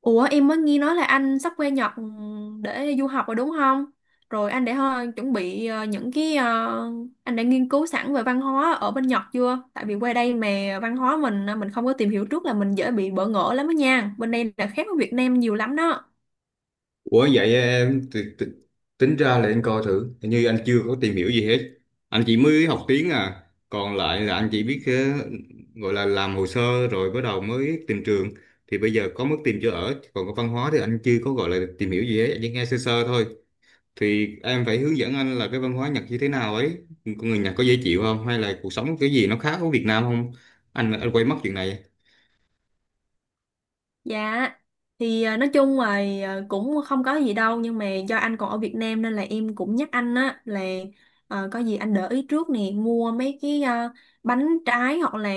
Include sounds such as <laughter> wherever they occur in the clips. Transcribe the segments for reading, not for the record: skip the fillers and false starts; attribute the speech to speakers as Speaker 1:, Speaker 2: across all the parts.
Speaker 1: Ủa, em mới nghe nói là anh sắp qua Nhật để du học rồi đúng không? Rồi anh đã chuẩn bị những cái anh đã nghiên cứu sẵn về văn hóa ở bên Nhật chưa? Tại vì qua đây mà văn hóa mình mình không có tìm hiểu trước là mình dễ bị bỡ ngỡ lắm đó nha. Bên đây là khác với Việt Nam nhiều lắm đó.
Speaker 2: Ủa, vậy em tính ra là em coi thử hình như anh chưa có tìm hiểu gì hết, anh chỉ mới học tiếng à, còn lại là anh chỉ biết gọi là làm hồ sơ rồi bắt đầu mới tìm trường, thì bây giờ có mức tìm chỗ ở, còn cái văn hóa thì anh chưa có gọi là tìm hiểu gì hết, anh chỉ nghe sơ sơ thôi. Thì em phải hướng dẫn anh là cái văn hóa Nhật như thế nào ấy, con người Nhật có dễ chịu không, hay là cuộc sống cái gì nó khác với Việt Nam không. Anh quay mất chuyện này.
Speaker 1: Dạ, thì nói chung là cũng không có gì đâu, nhưng mà do anh còn ở Việt Nam nên là em cũng nhắc anh á là có gì anh để ý trước nè, mua mấy cái bánh trái, hoặc là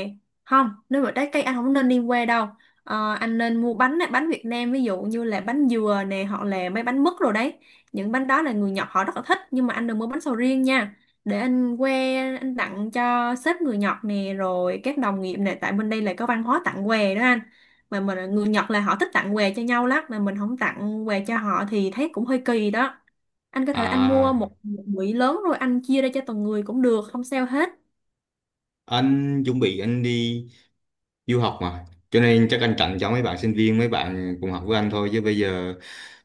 Speaker 1: không, nếu mà trái cây anh không nên đi qua đâu. Ờ, anh nên mua bánh á, bánh Việt Nam, ví dụ như là bánh dừa nè, hoặc là mấy bánh mứt rồi đấy. Những bánh đó là người Nhật họ rất là thích, nhưng mà anh đừng mua bánh sầu riêng nha, để anh qua anh tặng cho sếp người Nhật nè, rồi các đồng nghiệp nè, tại bên đây là có văn hóa tặng quà đó anh. Mà mình người Nhật là họ thích tặng quà cho nhau lắm, mà mình không tặng quà cho họ thì thấy cũng hơi kỳ đó. Anh có thể anh mua một
Speaker 2: À,
Speaker 1: một bụi lớn rồi anh chia ra cho từng người cũng được, không sao hết.
Speaker 2: anh chuẩn bị anh đi du học mà, cho nên chắc anh tặng cho mấy bạn sinh viên, mấy bạn cùng học với anh thôi, chứ bây giờ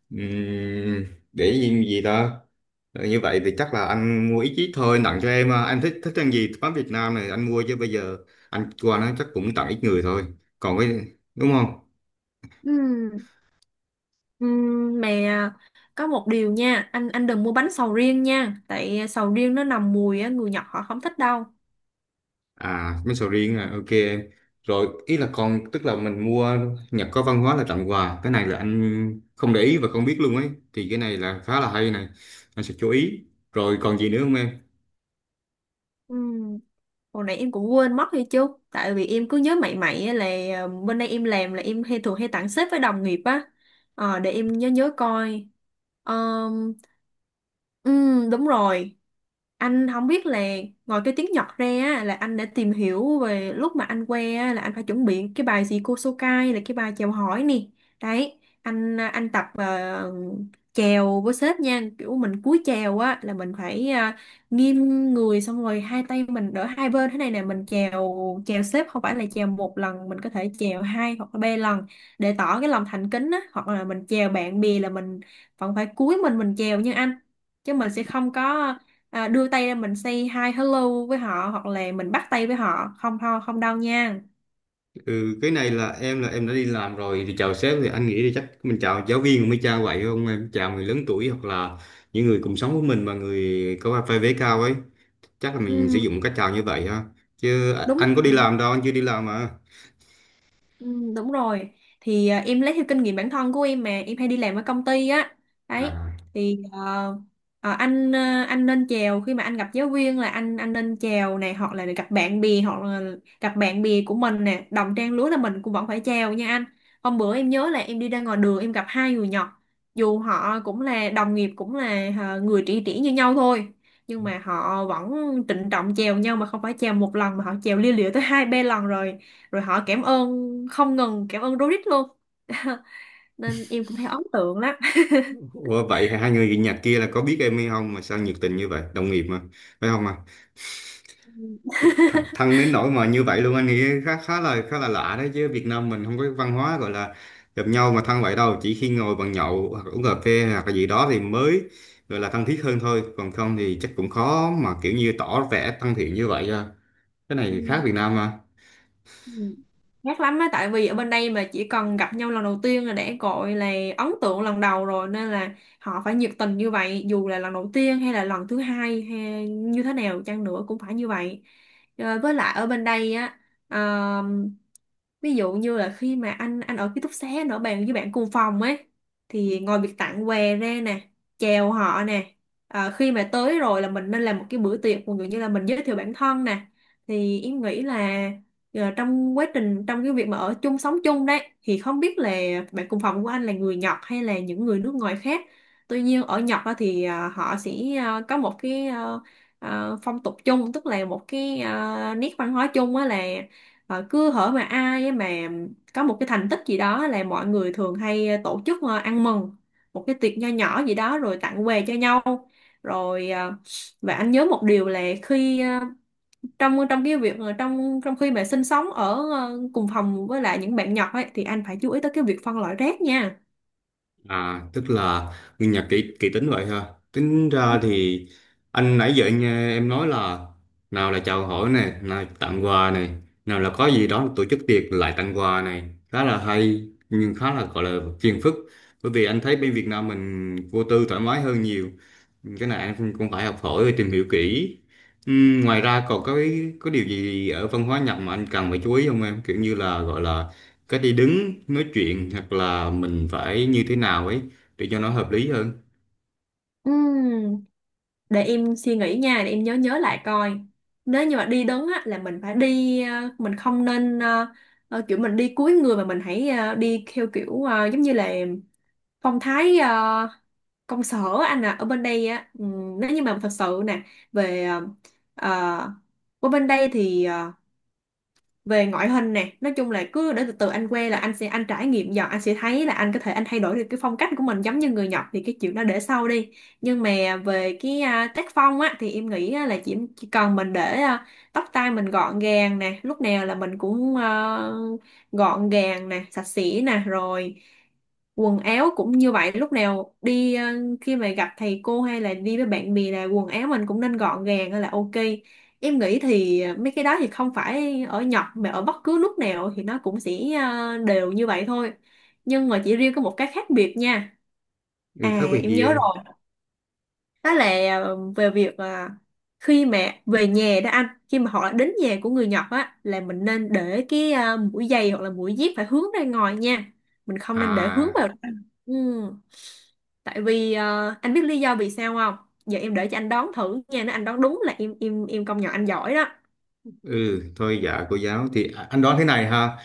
Speaker 2: ừm, để gì, gì đó. Ờ, như vậy thì chắc là anh mua ít ít thôi, tặng cho em à. Anh thích thích ăn gì mắm Việt Nam này anh mua, chứ bây giờ anh qua nó chắc cũng tặng ít người thôi. Còn cái, đúng không.
Speaker 1: Ừm, ừ, mà có một điều nha anh đừng mua bánh sầu riêng nha, tại sầu riêng nó nằm mùi á, người Nhật họ không thích đâu.
Speaker 2: À mấy sầu riêng à, ok em. Rồi ý là còn tức là mình mua, Nhật có văn hóa là tặng quà, cái này là anh không để ý và không biết luôn ấy, thì cái này là khá là hay này, anh sẽ chú ý. Rồi còn gì nữa không em?
Speaker 1: Ừ. Hồi nãy em cũng quên mất hay chứ. Tại vì em cứ nhớ mày mày á, là bên đây em làm là em hay thường hay tặng sếp với đồng nghiệp á. Ờ, để em nhớ nhớ coi. Ờm, Đúng rồi. Anh không biết là ngoài cái tiếng Nhật ra á, là anh đã tìm hiểu về lúc mà anh qua á, là anh phải chuẩn bị cái bài gì, Kosokai là cái bài chào hỏi nè. Đấy, anh tập chào với sếp nha, kiểu mình cúi chào á là mình phải nghiêng người, xong rồi hai tay mình đỡ hai bên thế này nè, mình chèo. Chèo xếp, không phải là chèo một lần, mình có thể chèo hai hoặc là ba lần để tỏ cái lòng thành kính á. Hoặc là mình chèo bạn bè là mình vẫn phải cúi mình chèo như anh, chứ mình sẽ không có đưa tay ra mình say hi hello với họ, hoặc là mình bắt tay với họ, không không không đâu nha.
Speaker 2: Ừ, cái này là em đã đi làm rồi thì chào sếp, thì anh nghĩ thì chắc mình chào giáo viên mới chào vậy không em, chào người lớn tuổi hoặc là những người cùng sống với mình mà người có vai vế cao ấy, chắc là mình sử
Speaker 1: Ừ,
Speaker 2: dụng cách chào như vậy ha. Chứ à,
Speaker 1: đúng.
Speaker 2: anh có đi làm đâu, anh chưa đi làm mà.
Speaker 1: Ừ, đúng rồi. Thì em lấy theo kinh nghiệm bản thân của em mà em hay đi làm ở công ty á, đấy.
Speaker 2: À.
Speaker 1: Thì anh, anh nên chào khi mà anh gặp giáo viên là anh nên chào này, hoặc là gặp bạn bè, hoặc là gặp bạn bè của mình nè, đồng trang lứa là mình cũng vẫn phải chào nha anh. Hôm bữa em nhớ là em đi ra ngoài đường em gặp hai người Nhật, dù họ cũng là đồng nghiệp, cũng là người tri kỷ như nhau thôi, nhưng mà họ vẫn trịnh trọng chèo nhau, mà không phải chèo một lần mà họ chèo lia lịa tới hai ba lần rồi. Rồi họ cảm ơn không ngừng, cảm ơn Dorit luôn. <laughs> Nên em cũng thấy ấn tượng lắm.
Speaker 2: Ủa, vậy hai người Nhật kia là có biết em hay không mà sao nhiệt tình như vậy, đồng nghiệp mà phải không ạ? Thẳng
Speaker 1: <laughs>
Speaker 2: thân đến nỗi mà như vậy luôn, anh nghĩ khá khá là lạ đấy, chứ Việt Nam mình không có cái văn hóa gọi là gặp nhau mà thân vậy đâu, chỉ khi ngồi bàn nhậu hoặc uống cà phê hoặc là gì đó thì mới gọi là thân thiết hơn thôi, còn không thì chắc cũng khó mà kiểu như tỏ vẻ thân thiện như vậy à. Cái này khác
Speaker 1: Ừ.
Speaker 2: Việt Nam mà.
Speaker 1: Ừ. Gắt lắm á, tại vì ở bên đây mà chỉ cần gặp nhau lần đầu tiên là đã gọi là ấn tượng lần đầu rồi, nên là họ phải nhiệt tình như vậy, dù là lần đầu tiên hay là lần thứ hai hay như thế nào chăng nữa cũng phải như vậy. Ờ, với lại ở bên đây á, ờ, ví dụ như là khi mà anh ở ký túc xá, anh ở bàn với bạn cùng phòng ấy, thì ngoài việc tặng quà ra nè, chào họ nè, khi mà tới rồi là mình nên làm một cái bữa tiệc, ví dụ như là mình giới thiệu bản thân nè, thì em nghĩ là giờ trong quá trình, trong cái việc mà ở chung sống chung đấy thì không biết là bạn cùng phòng của anh là người Nhật hay là những người nước ngoài khác. Tuy nhiên ở Nhật á thì họ sẽ có một cái phong tục chung, tức là một cái nét văn hóa chung á, là cứ hở mà ai á mà có một cái thành tích gì đó là mọi người thường hay tổ chức ăn mừng một cái tiệc nho nhỏ gì đó rồi tặng quà cho nhau. Rồi và anh nhớ một điều là khi trong trong cái việc trong trong khi mà sinh sống ở cùng phòng với lại những bạn nhỏ ấy, thì anh phải chú ý tới cái việc phân loại rác nha.
Speaker 2: À, tức là nguyên nhà kỹ kỹ tính vậy ha. Tính ra thì anh nãy giờ anh nghe em nói là, nào là chào hỏi này, nào là tặng quà này, nào là có gì đó tổ chức tiệc lại tặng quà này, khá là hay nhưng khá là gọi là phiền phức. Bởi vì anh thấy bên Việt Nam mình vô tư thoải mái hơn nhiều, cái này anh cũng cũng phải học hỏi và tìm hiểu kỹ. Ngoài ra còn có cái có điều gì ở văn hóa Nhật mà anh cần phải chú ý không em, kiểu như là gọi là cách đi đứng nói chuyện, hoặc là mình phải như thế nào ấy để cho nó hợp lý hơn.
Speaker 1: Ừm, để em suy nghĩ nha, để em nhớ nhớ lại coi. Nếu như mà đi đứng á là mình phải đi mình không nên kiểu mình đi cúi người, mà mình hãy đi theo kiểu giống như là phong thái công sở. Anh à, ở bên đây á, nếu như mà thật sự nè, về ờ, ở bên đây thì về ngoại hình nè, nói chung là cứ để từ từ anh quen là anh sẽ anh trải nghiệm dần, anh sẽ thấy là anh có thể anh thay đổi được cái phong cách của mình giống như người Nhật, thì cái chuyện đó để sau đi. Nhưng mà về cái tác phong á thì em nghĩ á, là chỉ cần mình để tóc tai mình gọn gàng nè, lúc nào là mình cũng gọn gàng nè, sạch sẽ nè, rồi quần áo cũng như vậy, lúc nào đi khi mà gặp thầy cô hay là đi với bạn bè là quần áo mình cũng nên gọn gàng là ok. Em nghĩ thì mấy cái đó thì không phải ở Nhật mà ở bất cứ nước nào thì nó cũng sẽ đều như vậy thôi. Nhưng mà chỉ riêng có một cái khác biệt nha.
Speaker 2: Ừ,
Speaker 1: À,
Speaker 2: khác biệt
Speaker 1: em
Speaker 2: gì
Speaker 1: nhớ
Speaker 2: em?
Speaker 1: rồi. Đó là về việc khi mà về nhà đó anh, khi mà họ đã đến nhà của người Nhật á là mình nên để cái mũi giày hoặc là mũi dép phải hướng ra ngoài nha. Mình không nên để hướng
Speaker 2: À,
Speaker 1: vào. Ừ. Tại vì anh biết lý do vì sao không? Giờ em để cho anh đoán thử nha, nếu anh đoán đúng là em công nhận anh giỏi đó.
Speaker 2: ừ thôi dạ cô giáo thì à, anh đoán thế này ha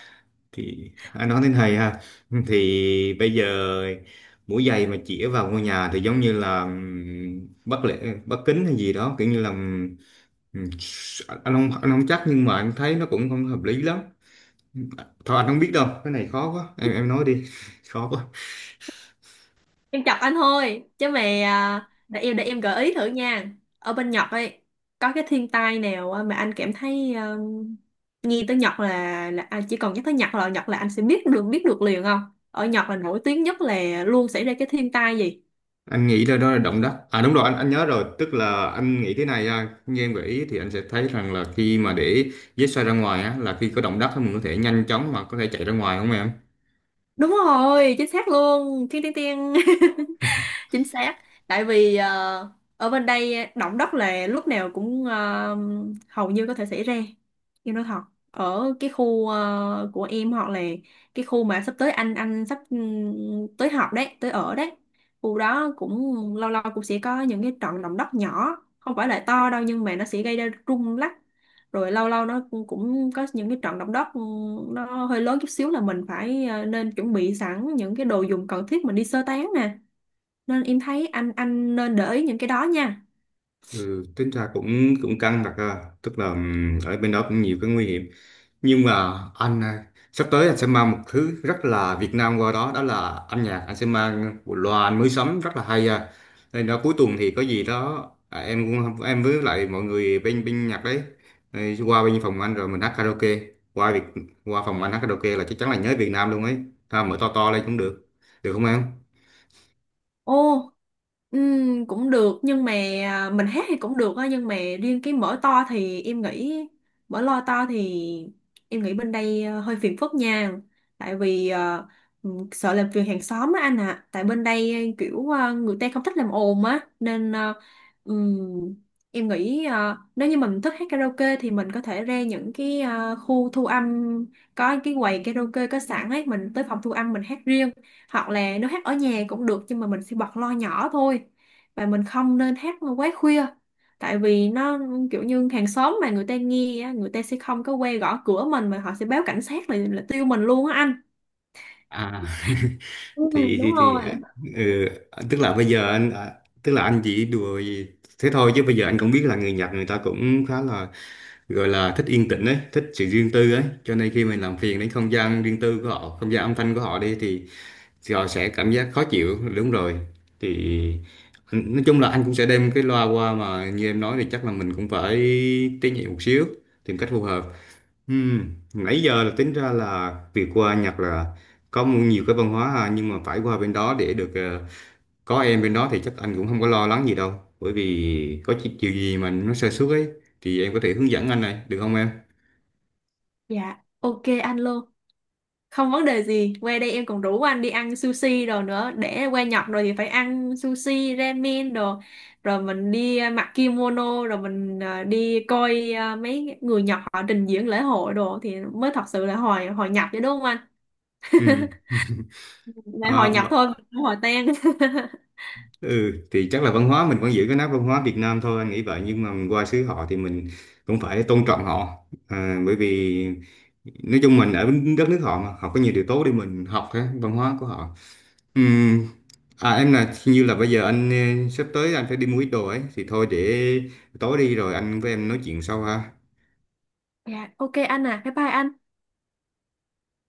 Speaker 2: thì anh đoán thế này ha, thì bây giờ mũi giày mà chĩa vào ngôi nhà thì giống như là bất lễ bất kính hay gì đó, kiểu như là, ừ, anh không, anh không chắc, nhưng mà anh thấy nó cũng không hợp lý lắm. Thôi anh không biết đâu, cái này khó quá, em nói đi. <laughs> Khó quá.
Speaker 1: Em chọc anh thôi chứ mà để em gợi ý thử nha. Ở bên Nhật ấy có cái thiên tai nào mà anh cảm thấy nghe tới Nhật là anh chỉ cần nhắc tới Nhật là anh sẽ biết được liền không? Ở Nhật là nổi tiếng nhất là luôn xảy ra cái thiên tai gì?
Speaker 2: Anh nghĩ là đó là động đất. À đúng rồi, anh nhớ rồi, tức là anh nghĩ thế này à, như em gợi ý thì anh sẽ thấy rằng là khi mà để vết xoay ra ngoài á, là khi có động đất thì mình có thể nhanh chóng mà có thể chạy ra ngoài, không em?
Speaker 1: Đúng rồi, chính xác luôn. Thiên tiên tiên. <laughs> Chính xác. Tại vì ở bên đây động đất là lúc nào cũng hầu như có thể xảy ra. Em nói thật, ở cái khu của em, hoặc là cái khu mà sắp tới anh sắp tới học đấy, tới ở đấy, khu đó cũng lâu lâu cũng sẽ có những cái trận động đất nhỏ, không phải là to đâu, nhưng mà nó sẽ gây ra rung lắc. Rồi lâu lâu nó cũng cũng có những cái trận động đất nó hơi lớn chút xíu, là mình phải nên chuẩn bị sẵn những cái đồ dùng cần thiết mình đi sơ tán nè. Nên em thấy anh nên để ý những cái đó nha.
Speaker 2: Ừ, tính ra cũng cũng căng thật à. Tức là ở bên đó cũng nhiều cái nguy hiểm, nhưng mà anh à, sắp tới anh sẽ mang một thứ rất là Việt Nam qua đó, đó là âm nhạc, anh sẽ mang bộ loa anh mới sắm rất là hay à, nên đó cuối tuần thì có gì đó à, em cũng em với lại mọi người bên bên nhạc đấy, ừ, qua bên phòng anh rồi mình hát karaoke. qua việc Qua phòng anh hát karaoke là chắc chắn là nhớ Việt Nam luôn ấy ha, mở to to lên cũng được, được không em?
Speaker 1: Ô, cũng được, nhưng mà mình hát thì cũng được á, nhưng mà riêng cái mở to thì em nghĩ, mở loa to thì em nghĩ bên đây hơi phiền phức nha. Tại vì sợ làm phiền hàng xóm á anh ạ. À. Tại bên đây kiểu người ta không thích làm ồn á, nên ừm, em nghĩ nếu như mình thích hát karaoke thì mình có thể ra những cái khu thu âm, có cái quầy karaoke có sẵn ấy, mình tới phòng thu âm mình hát riêng. Hoặc là nếu hát ở nhà cũng được, nhưng mà mình sẽ bật lo nhỏ thôi, và mình không nên hát quá khuya. Tại vì nó kiểu như hàng xóm mà người ta nghe á, người ta sẽ không có quay gõ cửa mình, mà họ sẽ báo cảnh sát, là tiêu mình luôn á anh.
Speaker 2: À,
Speaker 1: Ừ,
Speaker 2: <laughs> thì thì,
Speaker 1: đúng
Speaker 2: thì
Speaker 1: rồi.
Speaker 2: à, ừ, tức là bây giờ anh à, tức là anh chỉ đùa gì thế thôi, chứ bây giờ anh cũng biết là người Nhật người ta cũng khá là gọi là thích yên tĩnh ấy, thích sự riêng tư ấy, cho nên khi mình làm phiền đến không gian riêng tư của họ, không gian âm thanh của họ đi thì họ sẽ cảm giác khó chịu, đúng rồi. Thì anh- nói chung là anh cũng sẽ đem cái loa qua, mà như em nói thì chắc là mình cũng phải tế nhị một xíu, tìm cách phù hợp. Ừ, nãy giờ là tính ra là việc qua Nhật là có mu- nhiều cái văn hóa ha, nhưng mà phải qua bên đó để được có em bên đó thì chắc anh cũng không có lo lắng gì đâu, bởi vì có chi- điều gì mà nó sơ suất ấy thì em có thể hướng dẫn anh này, được không em?
Speaker 1: Dạ ok anh luôn, không vấn đề gì. Qua đây em còn rủ anh đi ăn sushi đồ nữa, để qua Nhật rồi thì phải ăn sushi ramen đồ, rồi mình đi mặc kimono, rồi mình đi coi mấy người Nhật họ trình diễn lễ hội đồ, thì mới thật sự là hồi hồi Nhật chứ, đúng không anh?
Speaker 2: Ừ.
Speaker 1: <laughs> Này
Speaker 2: À,
Speaker 1: hồi Nhật thôi,
Speaker 2: v-
Speaker 1: không hồi tan. <laughs>
Speaker 2: ừ thì chắc là văn hóa mình vẫn giữ cái nét văn hóa Việt Nam thôi, anh nghĩ vậy, nhưng mà mình qua xứ họ thì mình cũng phải tôn trọng họ. À, bởi vì nói chung mình ở đất nước họ mà họ có nhiều điều tốt để mình học cái văn hóa của họ. Ừm, À em là hình như là bây giờ anh sắp tới anh phải đi mua ít đồ ấy, thì thôi để tối đi rồi anh với em nói chuyện sau ha.
Speaker 1: Dạ ok anh à, bye bye anh.